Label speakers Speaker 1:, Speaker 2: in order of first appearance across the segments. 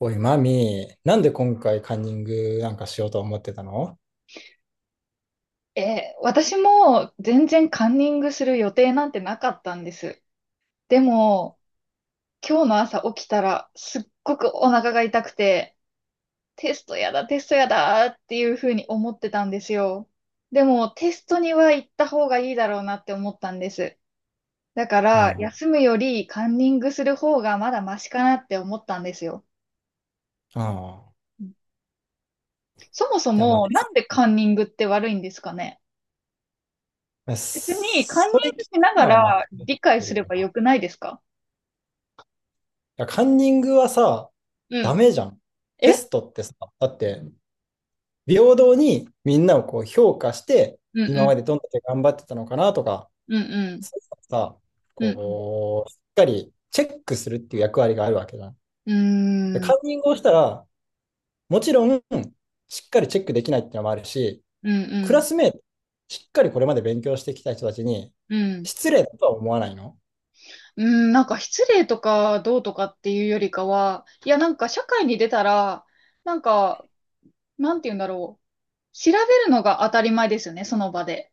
Speaker 1: おい、マミー、なんで今回カンニングなんかしようと思ってたの？
Speaker 2: 私も全然カンニングする予定なんてなかったんです。でも、今日の朝起きたらすっごくお腹が痛くて、テストやだ、テストやだっていうふうに思ってたんですよ。でも、テストには行った方がいいだろうなって思ったんです。だか
Speaker 1: うん。う
Speaker 2: ら、
Speaker 1: ん。
Speaker 2: 休むよりカンニングする方がまだマシかなって思ったんですよ。うん。そもそ
Speaker 1: じゃまあ、
Speaker 2: も、なんでカンニングって悪いんですかね？別に、カンニン
Speaker 1: それ
Speaker 2: グ
Speaker 1: 聞く
Speaker 2: しなが
Speaker 1: のは間違
Speaker 2: ら
Speaker 1: っ
Speaker 2: 理解
Speaker 1: て
Speaker 2: す
Speaker 1: る
Speaker 2: れ
Speaker 1: よ
Speaker 2: ば
Speaker 1: な。い
Speaker 2: よくないですか？
Speaker 1: やカンニングはさ、
Speaker 2: う
Speaker 1: ダ
Speaker 2: ん。
Speaker 1: メじゃん。テ
Speaker 2: え。
Speaker 1: ストってさ、だって、平等にみんなをこう評価して、
Speaker 2: う
Speaker 1: 今
Speaker 2: ん、
Speaker 1: までどんだけ頑張ってたのかなとか、
Speaker 2: うん、うん、
Speaker 1: そういうのをさ、
Speaker 2: うん、うん、
Speaker 1: こう、しっかりチェックするっていう役割があるわけじゃん。
Speaker 2: う
Speaker 1: で
Speaker 2: ん、うん、
Speaker 1: カンニングをしたら、もちろん、しっかりチェックできないっていうのもあるし、
Speaker 2: うん、
Speaker 1: ク
Speaker 2: う
Speaker 1: ラ
Speaker 2: ん、
Speaker 1: スメート、しっかりこれまで勉強してきた人たちに、
Speaker 2: うん。
Speaker 1: 失礼だとは思わないの？
Speaker 2: うん、なんか失礼とかどうとかっていうよりかは、いやなんか社会に出たら、なんか、なんて言うんだろう。調べるのが当たり前ですよね、その場で。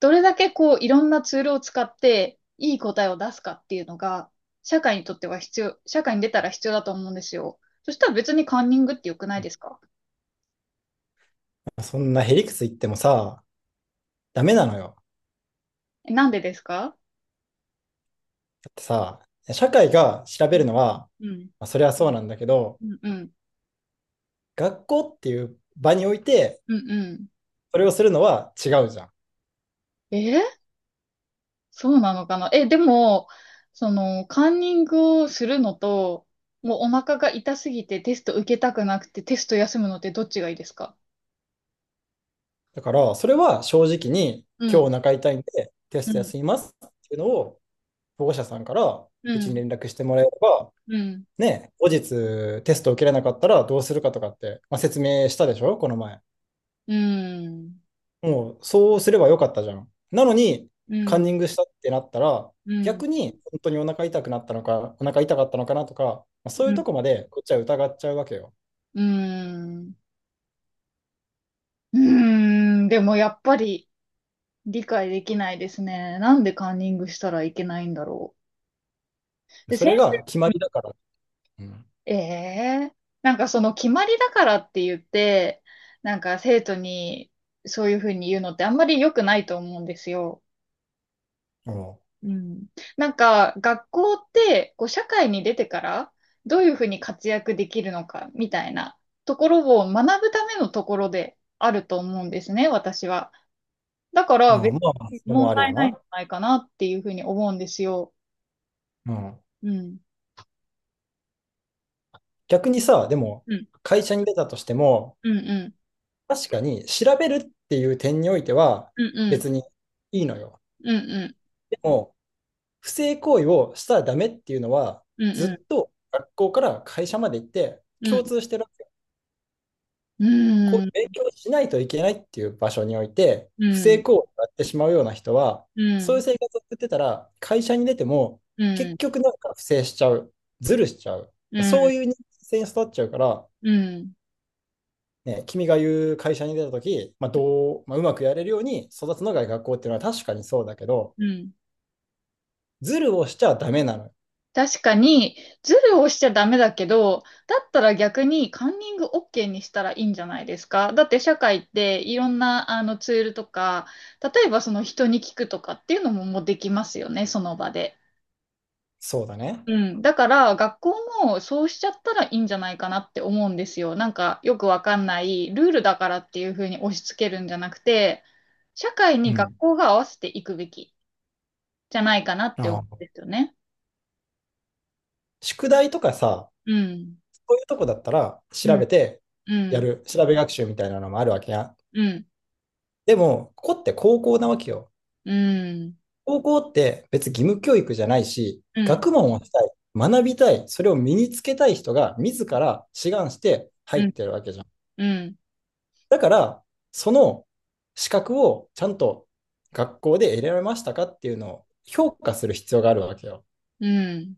Speaker 2: どれだけこう、いろんなツールを使って、いい答えを出すかっていうのが、社会にとっては必要、社会に出たら必要だと思うんですよ。そしたら別にカンニングって良くないですか？
Speaker 1: そんなへりくつ言ってもさ、ダメなのよ。
Speaker 2: え、なんでですか？
Speaker 1: だってさ、社会が調
Speaker 2: う
Speaker 1: べる
Speaker 2: ん、
Speaker 1: のは、
Speaker 2: うん、
Speaker 1: まあそれはそうなんだけど、
Speaker 2: うん、うん、
Speaker 1: 学校っていう場において、
Speaker 2: うん。うん。
Speaker 1: それをするのは違うじゃん。
Speaker 2: えーそうなのかな。え、でも、その、カンニングをするのと、もうお腹が痛すぎてテスト受けたくなくてテスト休むのってどっちがいいですか？
Speaker 1: だから、それは正直に、
Speaker 2: う
Speaker 1: 今日
Speaker 2: ん、
Speaker 1: お腹痛いんで、テ
Speaker 2: う
Speaker 1: スト
Speaker 2: ん、
Speaker 1: 休みますっていうのを、保護者さんから
Speaker 2: う
Speaker 1: うちに
Speaker 2: ん、
Speaker 1: 連絡してもらえれば、
Speaker 2: うん、
Speaker 1: ね、後日テストを受けれなかったらどうするかとかって、まあ、説明したでしょ、この前。
Speaker 2: うん、
Speaker 1: もう、そうすればよかったじゃん。なのに、
Speaker 2: うん、
Speaker 1: カ
Speaker 2: う
Speaker 1: ン
Speaker 2: ん、
Speaker 1: ニングしたってなったら、
Speaker 2: うん、
Speaker 1: 逆に本当にお腹痛くなったのか、お腹痛かったのかなとか、まあそういうとこまでこっちは疑っちゃうわけよ。
Speaker 2: うん、うん、でもやっぱり理解できないですね。なんでカンニングしたらいけないんだろう。で、
Speaker 1: そ
Speaker 2: 先。
Speaker 1: れが決まりだから。うん。
Speaker 2: ええ。なんかその決まりだからって言って、なんか生徒にそういうふうに言うのってあんまり良くないと思うんですよ。
Speaker 1: うん。
Speaker 2: うん。なんか学校ってこう社会に出てからどういうふうに活躍できるのかみたいなところを学ぶためのところであると思うんですね、私は。だか
Speaker 1: ま
Speaker 2: ら
Speaker 1: あ、
Speaker 2: 別
Speaker 1: まあ、
Speaker 2: に
Speaker 1: それも
Speaker 2: 問
Speaker 1: あるよ
Speaker 2: 題ないんじ
Speaker 1: な。
Speaker 2: ゃないかなっていうふうに思うんですよ。
Speaker 1: うん。
Speaker 2: うん。
Speaker 1: 逆にさ、でも、
Speaker 2: うん。
Speaker 1: 会社に出たとしても、
Speaker 2: うん、うん。
Speaker 1: 確かに調べるっていう点においては
Speaker 2: うん、うん。
Speaker 1: 別にいいのよ。
Speaker 2: うん、うん。
Speaker 1: でも、不正行為をしたらダメっていうのは、
Speaker 2: うん、う
Speaker 1: ずっ
Speaker 2: ん。
Speaker 1: と学校から会社まで行って
Speaker 2: う
Speaker 1: 共
Speaker 2: ん。
Speaker 1: 通してる。
Speaker 2: う
Speaker 1: こ
Speaker 2: ん。
Speaker 1: ういう勉強をしないといけないっていう場所において、
Speaker 2: う
Speaker 1: 不正
Speaker 2: ん、
Speaker 1: 行為をやってしまうような人は、
Speaker 2: う
Speaker 1: そういう
Speaker 2: ん、
Speaker 1: 生活を送ってたら、会社に出ても、
Speaker 2: う
Speaker 1: 結
Speaker 2: ん、
Speaker 1: 局なんか不正しちゃう、ずるしちゃう、
Speaker 2: う
Speaker 1: そ
Speaker 2: ん、
Speaker 1: ういう人間性に育っちゃうから、
Speaker 2: うん、
Speaker 1: ね、君が言う会社に出たとき、まあまあ、うまくやれるように育つのが学校っていうのは確かにそうだけど、
Speaker 2: うん。
Speaker 1: ずるをしちゃダメなの。
Speaker 2: 確かに、ズルをしちゃダメだけど、だったら逆にカンニング OK にしたらいいんじゃないですか？だって社会っていろんなあのツールとか、例えばその人に聞くとかっていうのももうできますよね、その場で。
Speaker 1: そうだね。
Speaker 2: うん。だから学校もそうしちゃったらいいんじゃないかなって思うんですよ。なんかよくわかんないルールだからっていうふうに押し付けるんじゃなくて、社会
Speaker 1: う
Speaker 2: に学
Speaker 1: ん。
Speaker 2: 校が合わせていくべき。じゃないかなって思う
Speaker 1: ああ、
Speaker 2: んですよね。
Speaker 1: 宿題とかさ、
Speaker 2: うん。
Speaker 1: そういうとこだったら調
Speaker 2: うん。
Speaker 1: べて
Speaker 2: う
Speaker 1: や
Speaker 2: ん。
Speaker 1: る、調べ学習みたいなのもあるわけや。
Speaker 2: うん。
Speaker 1: でも、ここって高校なわけよ。
Speaker 2: うん。
Speaker 1: 高校って別に義務教育じゃないし、
Speaker 2: うん。
Speaker 1: 学問をしたい、学びたい、それを身につけたい人が自ら志願して入
Speaker 2: う
Speaker 1: っ
Speaker 2: ん。
Speaker 1: てるわけじゃん。
Speaker 2: うん。
Speaker 1: だから、その資格をちゃんと学校で得られましたかっていうのを評価する必要があるわけよ。
Speaker 2: うん。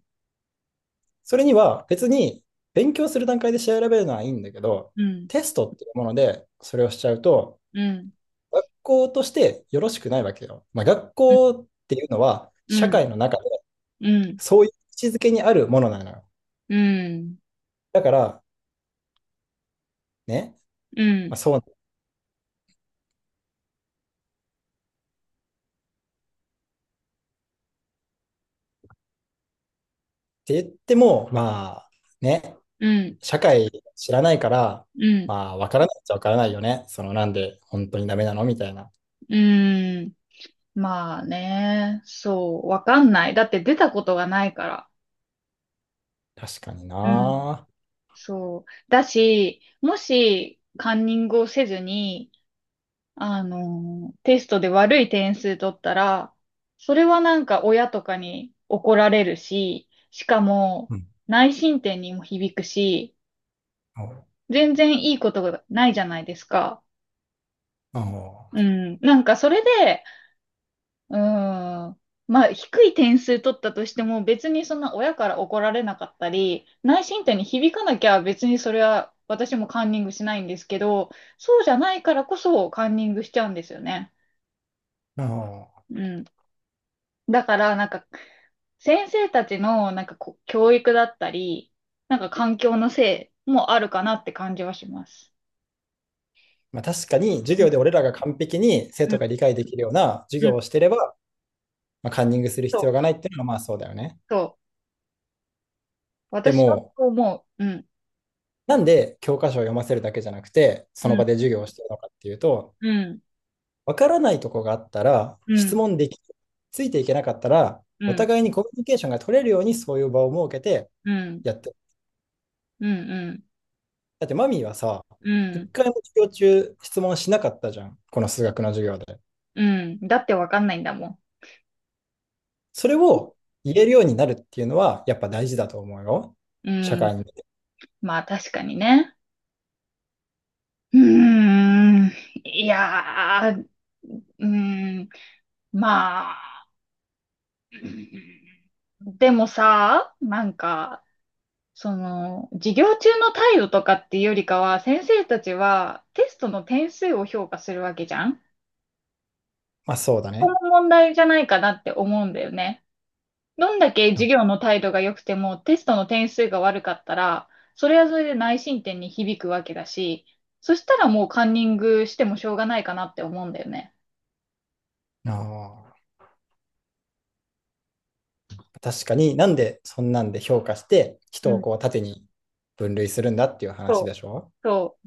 Speaker 1: それには別に勉強する段階で調べるのはいいんだけど、
Speaker 2: うん。
Speaker 1: テストっていうものでそれをしちゃうと、
Speaker 2: うん。
Speaker 1: 学校としてよろしくないわけよ。まあ、学
Speaker 2: うん。
Speaker 1: 校っていうのは
Speaker 2: う
Speaker 1: 社
Speaker 2: ん。
Speaker 1: 会の中、
Speaker 2: うん。
Speaker 1: そういう位置づけにあるものなのよ。
Speaker 2: うん。
Speaker 1: だから、ね、
Speaker 2: う
Speaker 1: ま
Speaker 2: ん。
Speaker 1: あ、そうって言っても、まあ、ね、社会知らないから、
Speaker 2: うん。
Speaker 1: まあ、わからないっちゃわからないよね。その、なんで本当にダメなのみたいな。
Speaker 2: うん。まあね。そう。わかんない。だって出たことがないから。
Speaker 1: 確かに
Speaker 2: うん。
Speaker 1: な。
Speaker 2: そう。だし、もし、カンニングをせずに、あの、テストで悪い点数取ったら、それはなんか親とかに怒られるし、しかも
Speaker 1: うん。
Speaker 2: 内申点にも響くし、
Speaker 1: お
Speaker 2: 全然いいことがないじゃないですか。う
Speaker 1: お
Speaker 2: ん。なんかそれで、うん。まあ低い点数取ったとしても別にそんな親から怒られなかったり、内申点に響かなきゃ別にそれは私もカンニングしないんですけど、そうじゃないからこそカンニングしちゃうんですよね。
Speaker 1: お、
Speaker 2: うん。だから、なんか、先生たちの、なんかこう、教育だったり、なんか環境のせいもあるかなって感じはします。
Speaker 1: まあ、確かに、授
Speaker 2: うん。
Speaker 1: 業で俺らが完璧に生
Speaker 2: う
Speaker 1: 徒
Speaker 2: ん。
Speaker 1: が理解できるような授
Speaker 2: う
Speaker 1: 業
Speaker 2: ん。
Speaker 1: をしてれば、まあ、カンニングする
Speaker 2: そう、
Speaker 1: 必要がないっていうのは、まあそうだよね。
Speaker 2: そう。
Speaker 1: で
Speaker 2: 私は
Speaker 1: も、
Speaker 2: そう思う。うん。
Speaker 1: なんで教科書を読ませるだけじゃなくて、その
Speaker 2: う
Speaker 1: 場
Speaker 2: ん。
Speaker 1: で授業をしてるのかっていうと、
Speaker 2: うん。
Speaker 1: わからないとこがあったら、
Speaker 2: う
Speaker 1: 質
Speaker 2: ん。
Speaker 1: 問でき、ついていけなかったら、
Speaker 2: う
Speaker 1: お
Speaker 2: ん。
Speaker 1: 互いにコミュニケーションが取れるようにそういう場を設けて
Speaker 2: うん。
Speaker 1: やってる。
Speaker 2: うん。
Speaker 1: だってマミーはさ、
Speaker 2: う
Speaker 1: 一
Speaker 2: ん。
Speaker 1: 回も授業中質問しなかったじゃん。この数学の授業で。
Speaker 2: うん。だってわかんないんだも
Speaker 1: それを言えるようになるっていうのは、やっぱ大事だと思うよ。
Speaker 2: ん。
Speaker 1: 社
Speaker 2: うん。
Speaker 1: 会に。
Speaker 2: まあ確かにね。うーん。いやー。うーん。まあ。うん。でもさ、なんか、その、授業中の態度とかっていうよりかは、先生たちはテストの点数を評価するわけじゃん。
Speaker 1: まあそうだね。
Speaker 2: 問題じゃないかなって思うんだよね。どんだけ授
Speaker 1: う
Speaker 2: 業の態度が良くてもテストの点数が悪かったら、それはそれで内申点に響くわけだし、そしたらもうカンニングしてもしょうがないかなって思うんだよね。
Speaker 1: ん。あ、確かに、なんでそんなんで評価して
Speaker 2: う
Speaker 1: 人を
Speaker 2: ん、
Speaker 1: こう縦に分類するんだっていう
Speaker 2: そ
Speaker 1: 話
Speaker 2: う、
Speaker 1: でしょ？
Speaker 2: そ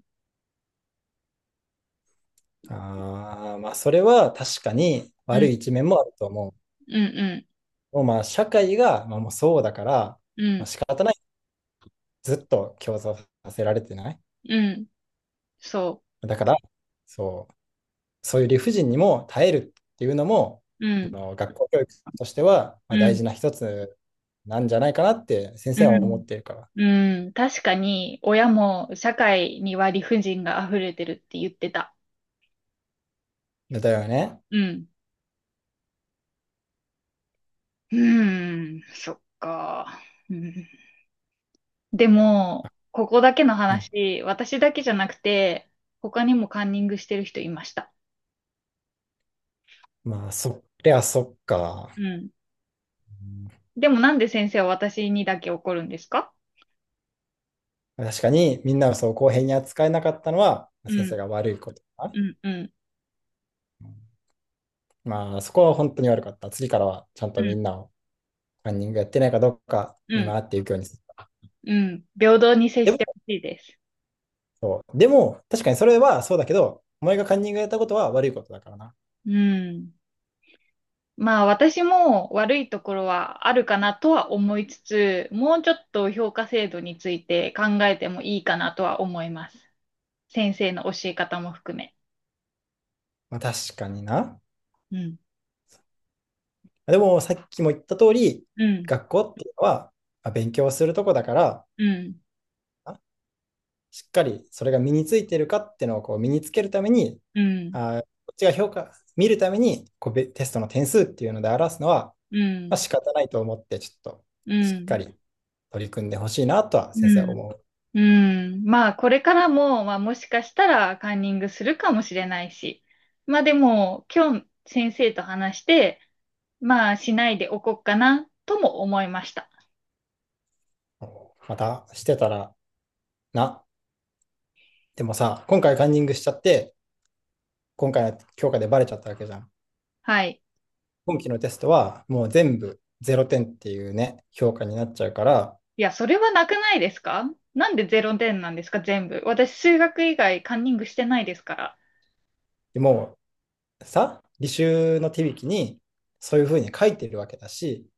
Speaker 1: ああ、まあそれは確かに
Speaker 2: う、う
Speaker 1: 悪
Speaker 2: ん、
Speaker 1: い一面もあると思
Speaker 2: うん、
Speaker 1: う。もうまあ社会がまあもうそうだから、
Speaker 2: う
Speaker 1: まあ
Speaker 2: ん、
Speaker 1: 仕方ない。ずっと競争させられてない。
Speaker 2: うん、うん、そ
Speaker 1: だから、そう、そういう理不尽にも耐えるっていうのも、
Speaker 2: う、うん、
Speaker 1: 学校教育としてはまあ
Speaker 2: う
Speaker 1: 大
Speaker 2: ん、
Speaker 1: 事な一つなんじゃないかなって先
Speaker 2: う
Speaker 1: 生は思
Speaker 2: ん。
Speaker 1: ってるか
Speaker 2: うん、確かに、親も社会には理不尽が溢れてるって言ってた。
Speaker 1: ら。だよね。
Speaker 2: うん。うん、そっか。うん、でも、ここだけの
Speaker 1: うん。
Speaker 2: 話、私だけじゃなくて、他にもカンニングしてる人いました。
Speaker 1: まあそりゃそっか。
Speaker 2: うん。
Speaker 1: うん。
Speaker 2: でもなんで先生は私にだけ怒るんですか？
Speaker 1: 確かにみんなをそう公平に扱えなかったのは
Speaker 2: う
Speaker 1: 先生
Speaker 2: ん、
Speaker 1: が悪いことだ
Speaker 2: うん、うん、
Speaker 1: な。まあ、そこは本当に悪かった。次からはちゃん
Speaker 2: う
Speaker 1: とみ
Speaker 2: ん、
Speaker 1: んなをカンニングやってないかどうか
Speaker 2: う
Speaker 1: 見
Speaker 2: ん、
Speaker 1: 回っていくようにする。
Speaker 2: うん。平等に接
Speaker 1: で
Speaker 2: してほ
Speaker 1: も、
Speaker 2: しいです。
Speaker 1: そう。でも、確かにそれはそうだけど、お前がカンニングやったことは悪いことだからな。
Speaker 2: うん。まあ私も悪いところはあるかなとは思いつつ、もうちょっと評価制度について考えてもいいかなとは思います。先生の教え方も含め。
Speaker 1: まあ、確かにな。
Speaker 2: うん。
Speaker 1: でも、さっきも言った通り、
Speaker 2: うん。
Speaker 1: 学校っていうのは、まあ、勉強するとこだから、
Speaker 2: うん。
Speaker 1: あしっかりそれが身についてるかっていうのをこう身につけるために、
Speaker 2: うん。
Speaker 1: こっちが評価、見るためにこうテストの点数っていうので表すのは、
Speaker 2: う
Speaker 1: まあ、
Speaker 2: ん。
Speaker 1: 仕方ないと思って、ちょっと
Speaker 2: う
Speaker 1: しっ
Speaker 2: ん。
Speaker 1: かり取り組んでほしいなとは
Speaker 2: う
Speaker 1: 先生は
Speaker 2: ん。
Speaker 1: 思う。
Speaker 2: うん。まあこれからも、まあもしかしたらカンニングするかもしれないし。まあでも今日先生と話して、まあしないでおこうかなとも思いました。
Speaker 1: またしてたらな。でもさ、今回カンニングしちゃって、今回の評価でバレちゃったわけじゃん。
Speaker 2: はい。
Speaker 1: 今期のテストはもう全部0点っていうね、評価になっちゃうから、
Speaker 2: いや、それはなくないですか？なんでゼロ点なんですか全部？私、数学以外カンニングしてないですから。
Speaker 1: もうさ、履修の手引きにそういうふうに書いてるわけだし、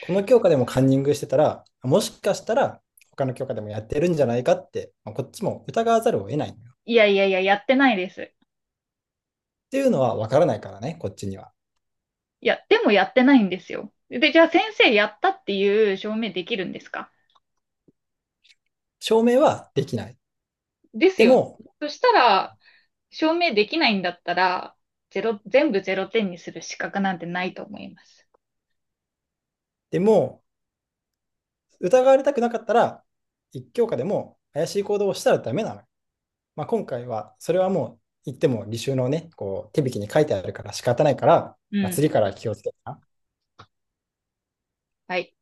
Speaker 1: この教科でもカンニングしてたら、もしかしたら他の教科でもやってるんじゃないかって、まあ、こっちも疑わざるを得ないっ
Speaker 2: いやいやいや、やってないです。
Speaker 1: ていうのは分からないからね、こっちには。
Speaker 2: いや、でもやってないんですよ。で、じゃあ先生やったっていう証明できるんですか？
Speaker 1: 証明はできない。
Speaker 2: です
Speaker 1: で
Speaker 2: よ。
Speaker 1: も、
Speaker 2: そしたら、証明できないんだったら、ゼロ、全部ゼロ点にする資格なんてないと思います。
Speaker 1: でも、疑われたくなかったら、一教科でも怪しい行動をしたらダメなの。まあ、今回は、それはもう言っても履修のね、こう手引きに書いてあるから仕方ないから、
Speaker 2: う
Speaker 1: まあ、
Speaker 2: ん。
Speaker 1: 次から気をつけてな。
Speaker 2: はい。